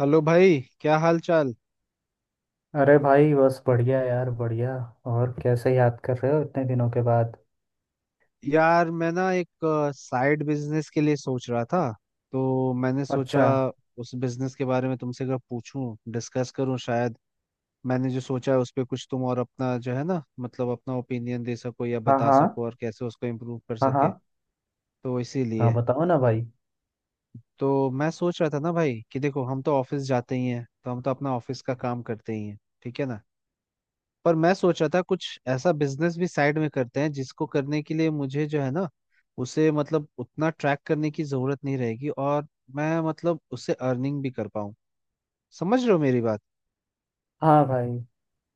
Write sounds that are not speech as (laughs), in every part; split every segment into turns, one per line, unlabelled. Hello भाई, क्या हाल चाल?
अरे भाई, बस बढ़िया यार, बढ़िया। और कैसे याद कर रहे हो इतने दिनों के बाद।
यार मैं ना एक साइड बिजनेस के लिए सोच रहा था, तो मैंने सोचा
अच्छा।
उस बिजनेस के बारे में तुमसे अगर पूछूं, डिस्कस करूं, शायद मैंने जो सोचा है उस पे कुछ तुम, और अपना जो है ना, मतलब अपना ओपिनियन दे सको या
हाँ
बता
हाँ।
सको और कैसे उसको इम्प्रूव कर
हाँ
सके।
हाँ।
तो
हाँ
इसीलिए।
बताओ ना भाई।
तो मैं सोच रहा था ना भाई कि देखो, हम तो ऑफिस जाते ही हैं, तो हम तो अपना ऑफिस का काम करते ही हैं, ठीक है ना। पर मैं सोच रहा था कुछ ऐसा बिजनेस भी साइड में करते हैं जिसको करने के लिए मुझे जो है ना, उसे मतलब उतना ट्रैक करने की जरूरत नहीं रहेगी, और मैं मतलब उससे अर्निंग भी कर पाऊँ। समझ रहे हो मेरी बात?
हाँ भाई।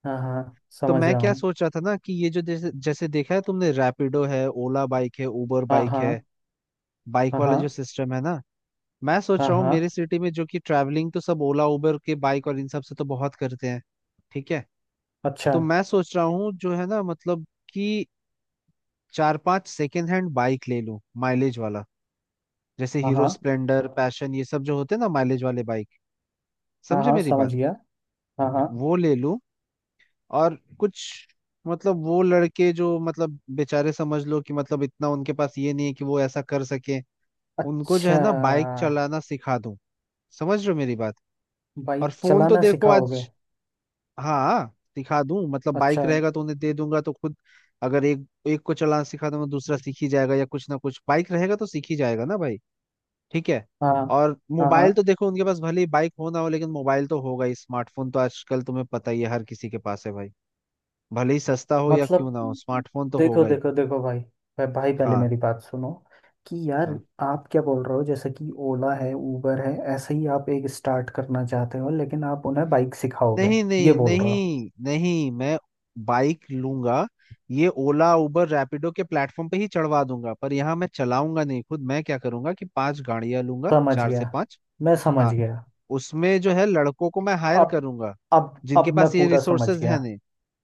हाँ हाँ,
तो
समझ
मैं
रहा
क्या
हूँ।
सोच रहा था ना, कि ये जो जैसे जैसे देखा है तुमने, रैपिडो है, ओला बाइक है, उबर
हाँ
बाइक है,
हाँ।
बाइक
हाँ
वाला जो
हाँ।
सिस्टम है ना। मैं सोच
हाँ
रहा हूँ
हाँ।
मेरे सिटी में जो कि ट्रैवलिंग तो सब ओला उबर के बाइक और इन सब से तो बहुत करते हैं, ठीक है।
अच्छा।
तो मैं सोच रहा हूँ, जो है ना, मतलब कि चार पांच सेकेंड हैंड बाइक ले लूं, माइलेज वाला। जैसे
हाँ
हीरो
हाँ।
स्प्लेंडर पैशन ये सब जो होते हैं ना, माइलेज वाले बाइक।
हाँ
समझे
हाँ,
मेरी बात?
समझ गया। हाँ हाँ।
वो ले लूं। और कुछ मतलब वो लड़के जो मतलब बेचारे, समझ लो कि मतलब इतना उनके पास ये नहीं है कि वो ऐसा कर सके, उनको जो
अच्छा।
है ना बाइक चलाना सिखा दूं। समझ रहे हो मेरी बात? और
बाइक
फोन तो
चलाना
देखो आज।
सिखाओगे?
हाँ, सिखा दूं मतलब बाइक
अच्छा।
रहेगा तो उन्हें दे दूंगा, तो खुद अगर एक एक को चलाना सिखा दूंगा, दूसरा सीख ही जाएगा या कुछ ना कुछ बाइक रहेगा तो सीख ही जाएगा ना भाई, ठीक है।
हाँ।
और
हाँ हाँ।
मोबाइल तो देखो, उनके पास भले ही बाइक हो ना हो, लेकिन मोबाइल तो होगा ही। स्मार्टफोन तो आजकल तुम्हें पता ही है, हर किसी के पास है भाई। भले ही सस्ता हो या क्यों
मतलब
ना हो, स्मार्टफोन तो
देखो
होगा ही।
देखो देखो भाई। भाई, पहले
हाँ।
मेरी बात सुनो कि यार,
हाँ,
आप क्या बोल रहे हो? जैसे कि ओला है, उबर है, ऐसे ही आप एक स्टार्ट करना चाहते हो, लेकिन आप उन्हें बाइक सिखाओगे,
नहीं
ये
नहीं
बोल रहे हो?
नहीं नहीं, मैं बाइक लूंगा। ये ओला उबर रैपिडो के प्लेटफॉर्म पे ही चढ़वा दूंगा, पर यहाँ मैं चलाऊंगा नहीं खुद। मैं क्या करूंगा कि पांच गाड़ियां लूंगा,
समझ
चार से
गया,
पांच।
मैं समझ
हाँ,
गया।
उसमें जो है लड़कों को मैं हायर
अब
करूंगा,
अब
जिनके
अब मैं
पास ये
पूरा समझ
रिसोर्सेज
गया।
हैं।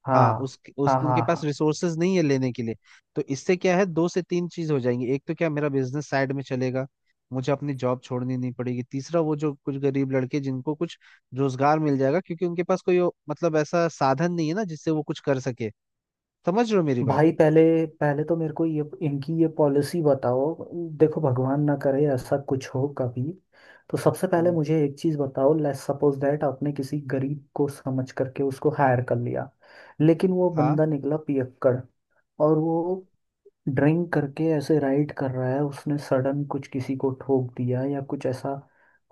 हाँ।
हाँ, उस
हाँ
उनके
हाँ
पास
हाँ।
रिसोर्सेज नहीं है लेने के लिए। तो इससे क्या है, दो से तीन चीज हो जाएंगी। एक तो क्या, मेरा बिजनेस साइड में चलेगा, मुझे अपनी जॉब छोड़नी नहीं पड़ेगी, तीसरा वो जो कुछ गरीब लड़के जिनको कुछ रोजगार मिल जाएगा, क्योंकि उनके पास कोई मतलब ऐसा साधन नहीं है ना जिससे वो कुछ कर सके। समझ रहे हो मेरी बात?
भाई, पहले पहले तो मेरे को ये इनकी ये पॉलिसी बताओ। देखो, भगवान ना करे ऐसा कुछ हो कभी। तो सबसे पहले
हम्म।
मुझे एक चीज बताओ, लेट्स सपोज दैट आपने किसी गरीब को समझ करके उसको हायर कर लिया, लेकिन वो
हाँ।
बंदा निकला पियक्कड़। और वो ड्रिंक करके ऐसे राइड कर रहा है, उसने सडन कुछ किसी को ठोक दिया या कुछ ऐसा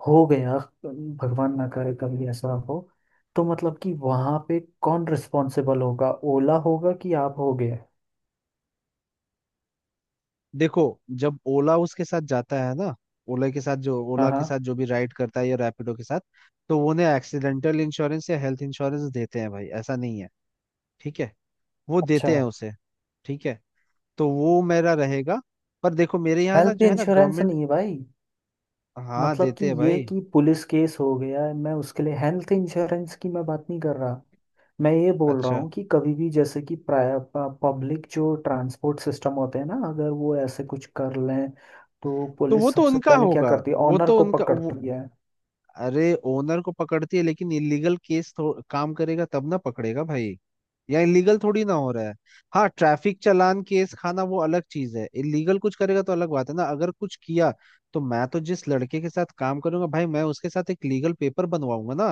हो गया। भगवान ना करे कभी ऐसा हो। तो मतलब कि वहां पे कौन रिस्पॉन्सिबल होगा? ओला होगा कि आप होगे?
देखो, जब ओला उसके साथ जाता है ना, ओला के साथ जो,
हाँ
ओला के
हाँ।
साथ जो भी राइड करता है या रैपिडो के साथ, तो वो उन्हें एक्सीडेंटल इंश्योरेंस या हेल्थ इंश्योरेंस देते हैं भाई, ऐसा नहीं है, ठीक है। वो
अच्छा।
देते हैं उसे, ठीक है। तो वो मेरा रहेगा। पर देखो मेरे यहाँ ना
हेल्थ
जो है ना
इंश्योरेंस
गवर्नमेंट।
नहीं है भाई।
हाँ,
मतलब कि
देते हैं
ये
भाई।
कि पुलिस केस हो गया है, मैं उसके लिए हेल्थ इंश्योरेंस की मैं बात नहीं कर रहा। मैं ये बोल रहा
अच्छा,
हूँ कि कभी भी जैसे कि पब्लिक जो ट्रांसपोर्ट सिस्टम होते हैं ना, अगर वो ऐसे कुछ कर लें, तो
तो वो
पुलिस
तो
सबसे
उनका
पहले क्या
होगा,
करती है,
वो
ऑनर
तो
को
उनका
पकड़ती है।
अरे, ओनर को पकड़ती है, लेकिन इलीगल काम करेगा तब ना पकड़ेगा भाई, या इलीगल थोड़ी ना हो रहा है। हाँ, ट्रैफिक चालान केस खाना वो अलग चीज है। इलीगल कुछ करेगा तो अलग बात है ना, अगर कुछ किया। तो मैं तो जिस लड़के के साथ काम करूंगा भाई, मैं उसके साथ एक लीगल पेपर बनवाऊंगा ना।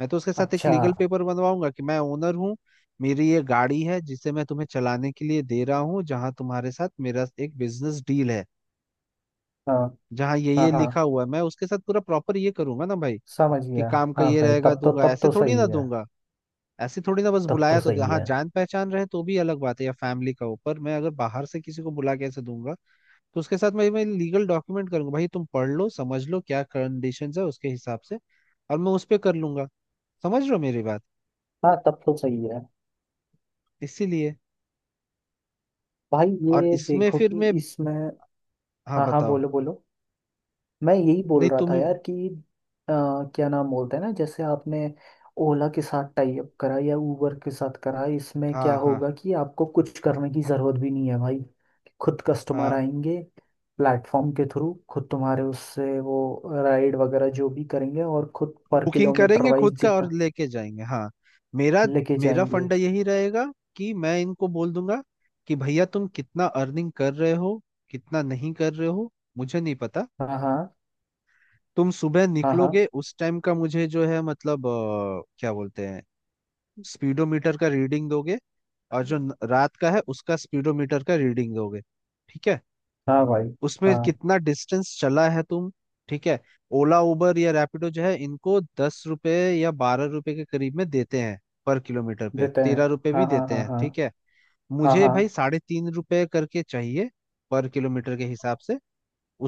मैं तो उसके साथ एक
अच्छा।
लीगल पेपर बनवाऊंगा कि मैं ओनर हूँ, मेरी ये गाड़ी है, जिसे मैं तुम्हें चलाने के लिए दे रहा हूँ, जहाँ तुम्हारे साथ मेरा एक बिजनेस डील है,
हाँ
जहाँ
हाँ
ये
हाँ,
लिखा हुआ है। मैं उसके साथ पूरा प्रॉपर ये करूंगा ना भाई,
समझ
कि
गया।
काम का
हाँ
ये
भाई,
रहेगा,
तब तो
दूंगा।
तब
ऐसे
तो
थोड़ी ना
सही है।
दूंगा, ऐसे थोड़ी ना बस
तब तो
बुलाया तो
सही
हाँ,
है।
जान पहचान रहे तो भी अलग बात है, या फैमिली का हो। पर मैं अगर बाहर से किसी को बुला के ऐसे दूंगा तो उसके साथ मैं लीगल डॉक्यूमेंट करूंगा भाई। तुम पढ़ लो, समझ लो क्या कंडीशंस है, उसके हिसाब से। और मैं उस पर कर लूंगा। समझ रहे हो मेरी बात?
हाँ, तब तो सही है।
इसीलिए।
भाई,
और
ये
इसमें
देखो
फिर
कि
मैं,
इसमें।
हाँ
हाँ हाँ,
बताओ।
बोलो बोलो। मैं यही बोल
नहीं,
रहा
तुम
था
ही।
यार कि अ, क्या नाम बोलते हैं ना, जैसे आपने ओला के साथ टाई अप करा या उबर के साथ करा, इसमें क्या
हाँ हाँ।
होगा कि आपको कुछ करने की जरूरत भी नहीं है भाई। खुद कस्टमर
हाँ,
आएंगे। प्लेटफॉर्म के थ्रू खुद तुम्हारे उससे वो राइड वगैरह जो भी करेंगे, और खुद पर
बुकिंग
किलोमीटर
करेंगे
वाइज
खुद का और
जितना
लेके जाएंगे, हाँ। मेरा
लेके
मेरा
जाएंगे।
फंडा यही रहेगा, कि मैं इनको बोल दूंगा कि भैया तुम कितना अर्निंग कर रहे हो, कितना नहीं कर रहे हो, मुझे नहीं पता।
हाँ हाँ
तुम सुबह
हाँ हाँ।
निकलोगे, उस टाइम का मुझे जो है मतलब क्या बोलते हैं, स्पीडोमीटर का रीडिंग दोगे। और जो रात का है उसका स्पीडोमीटर का रीडिंग दोगे, ठीक है।
हाँ भाई।
उसमें
हाँ,
कितना डिस्टेंस चला है तुम, ठीक है। ओला उबर या रैपिडो जो है इनको 10 रुपए या 12 रुपए के करीब में देते हैं, पर किलोमीटर पे।
देते हैं।
13 रुपए भी
हाँ हाँ
देते
हाँ
हैं,
हाँ।
ठीक है।
हाँ
मुझे
हाँ।
भाई 3.5 रुपए करके चाहिए, पर किलोमीटर के हिसाब से।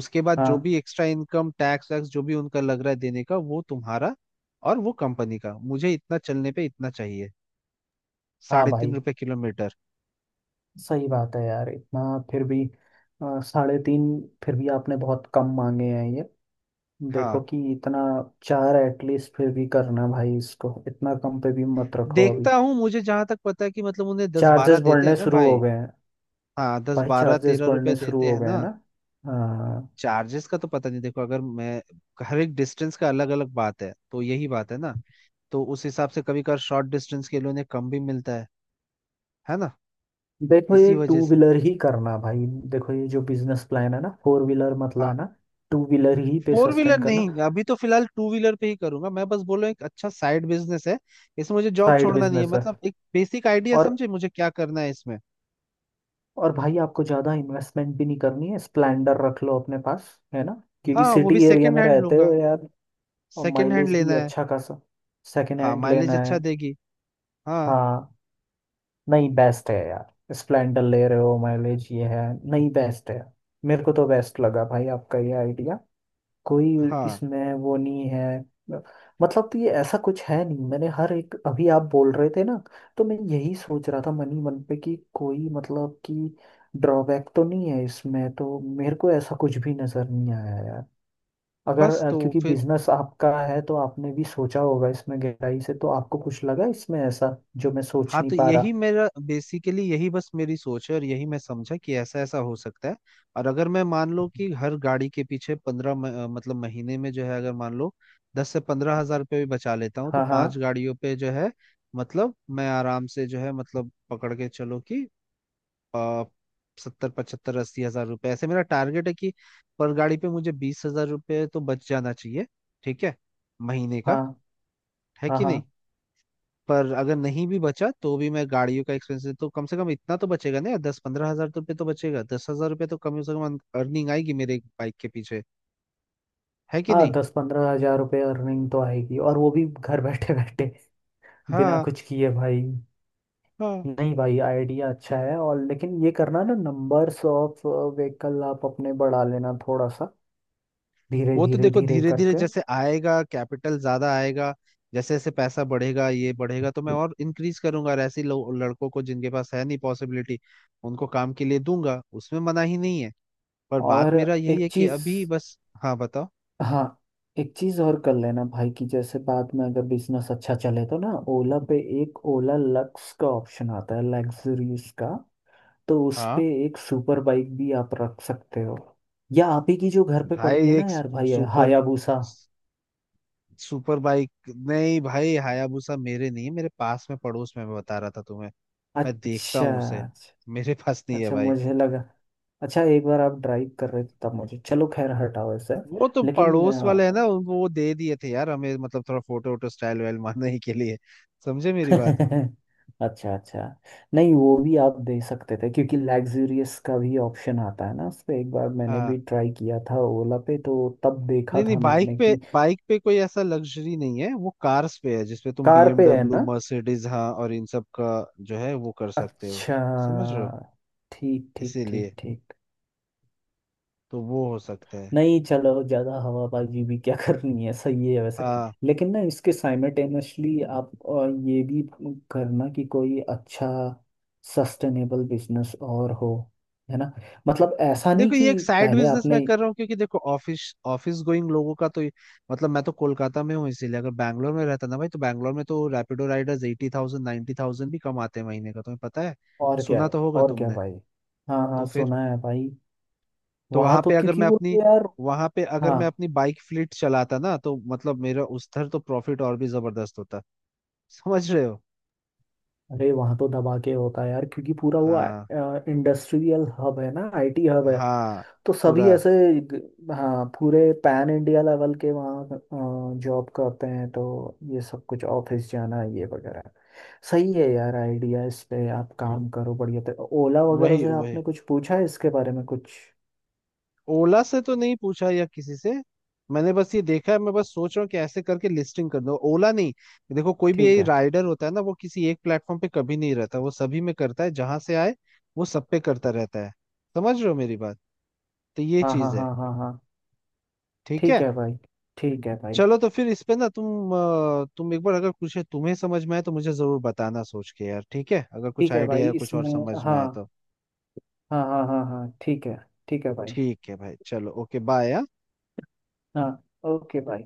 उसके बाद जो
हाँ
भी एक्स्ट्रा इनकम टैक्स वैक्स जो भी उनका लग रहा है देने का, वो तुम्हारा। और वो कंपनी का मुझे इतना चलने पे इतना चाहिए,
हाँ
साढ़े तीन
भाई,
रुपए किलोमीटर।
सही बात है यार, इतना। फिर भी साढ़े तीन? फिर भी आपने बहुत कम मांगे हैं ये। देखो
हाँ,
कि इतना, चार एटलीस्ट फिर भी करना भाई, इसको इतना कम पे भी मत रखो अभी।
देखता हूँ, मुझे जहां तक पता है कि मतलब उन्हें 10, 12
चार्जेस
देते हैं
बढ़ने
ना
शुरू हो
भाई।
गए हैं
हाँ, दस
भाई,
बारह
चार्जेस
तेरह रुपए
बढ़ने शुरू
देते
हो
हैं
गए
ना।
हैं ना। हाँ।
चार्जेस का तो पता नहीं। देखो, अगर मैं हर एक डिस्टेंस का अलग अलग बात है, तो यही बात है ना। तो उस हिसाब से कभी कभार शॉर्ट डिस्टेंस के लिए उन्हें कम भी मिलता है ना,
देखो, ये
इसी
टू
वजह से।
व्हीलर ही करना भाई। देखो, ये जो बिजनेस प्लान है ना, फोर व्हीलर मत
हाँ,
लाना, टू व्हीलर ही पे
फोर व्हीलर
सस्टेन करना।
नहीं, अभी तो फिलहाल टू व्हीलर पे ही करूंगा मैं। बस बोलो एक अच्छा साइड बिजनेस है, इसमें मुझे जॉब
साइड
छोड़ना नहीं है,
बिजनेस है।
मतलब एक बेसिक आइडिया।
और
समझे मुझे क्या करना है इसमें?
और भाई आपको ज़्यादा इन्वेस्टमेंट भी नहीं करनी है, स्प्लेंडर रख लो अपने पास। है ना, क्योंकि
हाँ, वो भी
सिटी एरिया
सेकंड
में
हैंड
रहते
लूंगा।
हो यार। और
सेकंड हैंड
माइलेज भी
लेना है।
अच्छा खासा। सेकेंड
हाँ,
हैंड
माइलेज
लेना
अच्छा
है।
देगी। हाँ।
हाँ। नहीं, बेस्ट है यार, स्प्लेंडर ले रहे हो, माइलेज ये है। नहीं, बेस्ट है। मेरे को तो बेस्ट लगा भाई आपका ये आइडिया। कोई,
हाँ,
इसमें वो नहीं है, मतलब कि ऐसा कुछ है नहीं। मैंने हर एक, अभी आप बोल रहे थे ना, तो मैं यही सोच रहा था मन ही मन पे कि कोई मतलब कि ड्रॉबैक तो नहीं है इसमें, तो मेरे को ऐसा कुछ भी नजर नहीं आया यार। अगर
बस तो
क्योंकि
फिर।
बिजनेस आपका है तो आपने भी सोचा होगा इसमें गहराई से, तो आपको कुछ लगा इसमें ऐसा जो मैं सोच
हाँ,
नहीं
तो
पा
यही
रहा।
मेरा बेसिकली, यही बस मेरी सोच है, और यही मैं समझा कि ऐसा ऐसा हो सकता है। और अगर मैं मान लो कि हर गाड़ी के पीछे पंद्रह, मतलब महीने में जो है अगर मान लो 10 से 15 हजार रुपये भी बचा लेता हूँ, तो
हाँ हाँ
पांच गाड़ियों पे जो है, मतलब मैं आराम से जो है मतलब पकड़ के चलो कि आ, 70, 75, 80 हजार रुपये, ऐसे मेरा टारगेट है कि पर गाड़ी पे मुझे 20,000 रुपये तो बच जाना चाहिए, ठीक है, महीने का।
हाँ।
है
हाँ
कि
हाँ
नहीं? पर अगर नहीं भी बचा तो भी मैं गाड़ियों का एक्सपेंसेस तो कम से कम इतना तो बचेगा ना यार, 10, 15 हजार तो रुपये तो बचेगा। 10,000 रुपये तो कम से कम अर्निंग आएगी मेरे बाइक के पीछे, है कि
हाँ।
नहीं?
दस पंद्रह हजार रुपये अर्निंग तो आएगी, और वो भी घर बैठे बैठे, बिना
हाँ।
कुछ किए भाई।
हाँ,
नहीं भाई, आइडिया अच्छा है। और लेकिन ये करना ना, नंबर्स ऑफ व्हीकल आप अपने बढ़ा लेना थोड़ा सा, धीरे
वो तो
धीरे
देखो
धीरे
धीरे धीरे
करके।
जैसे आएगा, कैपिटल ज्यादा आएगा, जैसे जैसे पैसा बढ़ेगा ये बढ़ेगा, तो मैं और इंक्रीज करूंगा और ऐसे लड़कों को जिनके पास है नहीं, पॉसिबिलिटी, उनको काम के लिए दूंगा। उसमें मना ही नहीं है। पर बात
और
मेरा यही
एक
है कि
चीज।
अभी बस। हाँ बताओ।
हाँ, एक चीज और कर लेना भाई कि जैसे बाद में अगर बिजनेस अच्छा चले तो ना, ओला पे एक ओला लक्स का ऑप्शन आता है, लग्जरीज का, तो उस
हाँ
पे एक सुपर बाइक भी आप रख सकते हो, या आप ही की जो घर पे पड़ी
भाई,
है ना
एक
यार भाई,
सुपर,
हायाबुसा।
सुपर बाइक नहीं भाई। हायाबुसा मेरे नहीं है, मेरे पास में, पड़ोस में। मैं बता रहा था तुम्हें, मैं देखता
अच्छा।
हूँ उसे। मेरे पास नहीं है
अच्छा,
भाई।
मुझे लगा। अच्छा, एक बार आप ड्राइव कर रहे थे तब मुझे, चलो खैर, हटाओ इसे।
वो तो
लेकिन
पड़ोस वाले हैं ना, उनको वो दे दिए थे यार हमें मतलब थोड़ा फोटो वोटो स्टाइल वाइल मारने के लिए। समझे मेरी बात?
(laughs) अच्छा अच्छा। नहीं, वो भी आप दे सकते थे क्योंकि लग्जूरियस का भी ऑप्शन आता है ना, उस पे एक बार मैंने
हाँ,
भी ट्राई किया था ओला पे, तो तब देखा
नहीं नहीं,
था
बाइक
मैंने
पे,
कि।
बाइक पे कोई ऐसा लग्जरी नहीं है। वो कार्स पे है, जिसपे तुम
कार पे है
बीएमडब्ल्यू
ना?
मर्सिडीज, हाँ, और इन सब का जो है वो कर सकते हो।
अच्छा।
समझ रहे हो?
ठीक ठीक ठीक
इसीलिए
ठीक।
तो वो हो सकता है।
नहीं, चलो, ज़्यादा हवाबाजी भी क्या (laughs) करनी है, सही है वैसे।
हाँ।
लेकिन ना, इसके साइमल्टेनियसली आप और ये भी करना कि कोई अच्छा सस्टेनेबल बिजनेस और हो, है ना। मतलब ऐसा नहीं
देखो,
कि
ये एक साइड
पहले
बिजनेस मैं
आपने।
कर रहा हूँ, क्योंकि देखो ऑफिस, ऑफिस गोइंग लोगों का तो मतलब, मैं तो कोलकाता में हूँ, इसीलिए। अगर बैंगलोर में रहता ना भाई, तो बैंगलोर में तो रैपिडो राइडर्स 80,000, 90,000 भी कमाते हैं महीने का, तुम्हें पता है,
और क्या
सुना
है,
तो होगा
और क्या
तुमने।
भाई। हाँ हाँ,
तो फिर,
सुना है भाई।
तो
वहाँ
वहां
तो
पे अगर
क्योंकि
मैं
वो
अपनी,
तो यार।
वहां पे अगर
हाँ।
मैं अपनी बाइक फ्लीट चलाता ना, तो मतलब मेरा उधर तो प्रॉफिट और भी जबरदस्त होता। समझ रहे हो?
अरे, वहाँ तो दबा के होता है यार, क्योंकि पूरा वो
हाँ,
इंडस्ट्रियल हब है ना, आईटी हब है,
हाँ
तो सभी
पूरा।
ऐसे। हाँ, पूरे पैन इंडिया लेवल के वहाँ जॉब करते हैं, तो ये सब कुछ ऑफिस जाना ये वगैरह। सही है यार, आइडिया इस पे आप काम करो, बढ़िया। तो ओला वगैरह
वही
से
वही,
आपने कुछ पूछा है इसके बारे में कुछ?
ओला से तो नहीं पूछा या किसी से। मैंने बस ये देखा है, मैं बस सोच रहा हूँ कि ऐसे करके लिस्टिंग कर दो, ओला नहीं। देखो कोई भी
ठीक
यही
है।
राइडर होता है ना, वो किसी एक प्लेटफॉर्म पे कभी नहीं रहता, वो सभी में करता है जहां से आए, वो सब पे करता रहता है। समझ रहे हो मेरी बात? तो ये
हाँ हाँ
चीज है,
हाँ हाँ हाँ।
ठीक
ठीक
है।
है भाई। ठीक है भाई।
चलो, तो फिर इस पे ना तुम तुम एक बार अगर कुछ है तुम्हें समझ में आए तो मुझे जरूर बताना सोच के यार, ठीक है, अगर कुछ
ठीक है
आइडिया
भाई,
या कुछ और
इसमें।
समझ में
हाँ
आए तो।
हाँ हाँ हाँ हाँ, ठीक है। ठीक है भाई।
ठीक है भाई, चलो, ओके, बाय, हाँ?
हाँ, ओके भाई।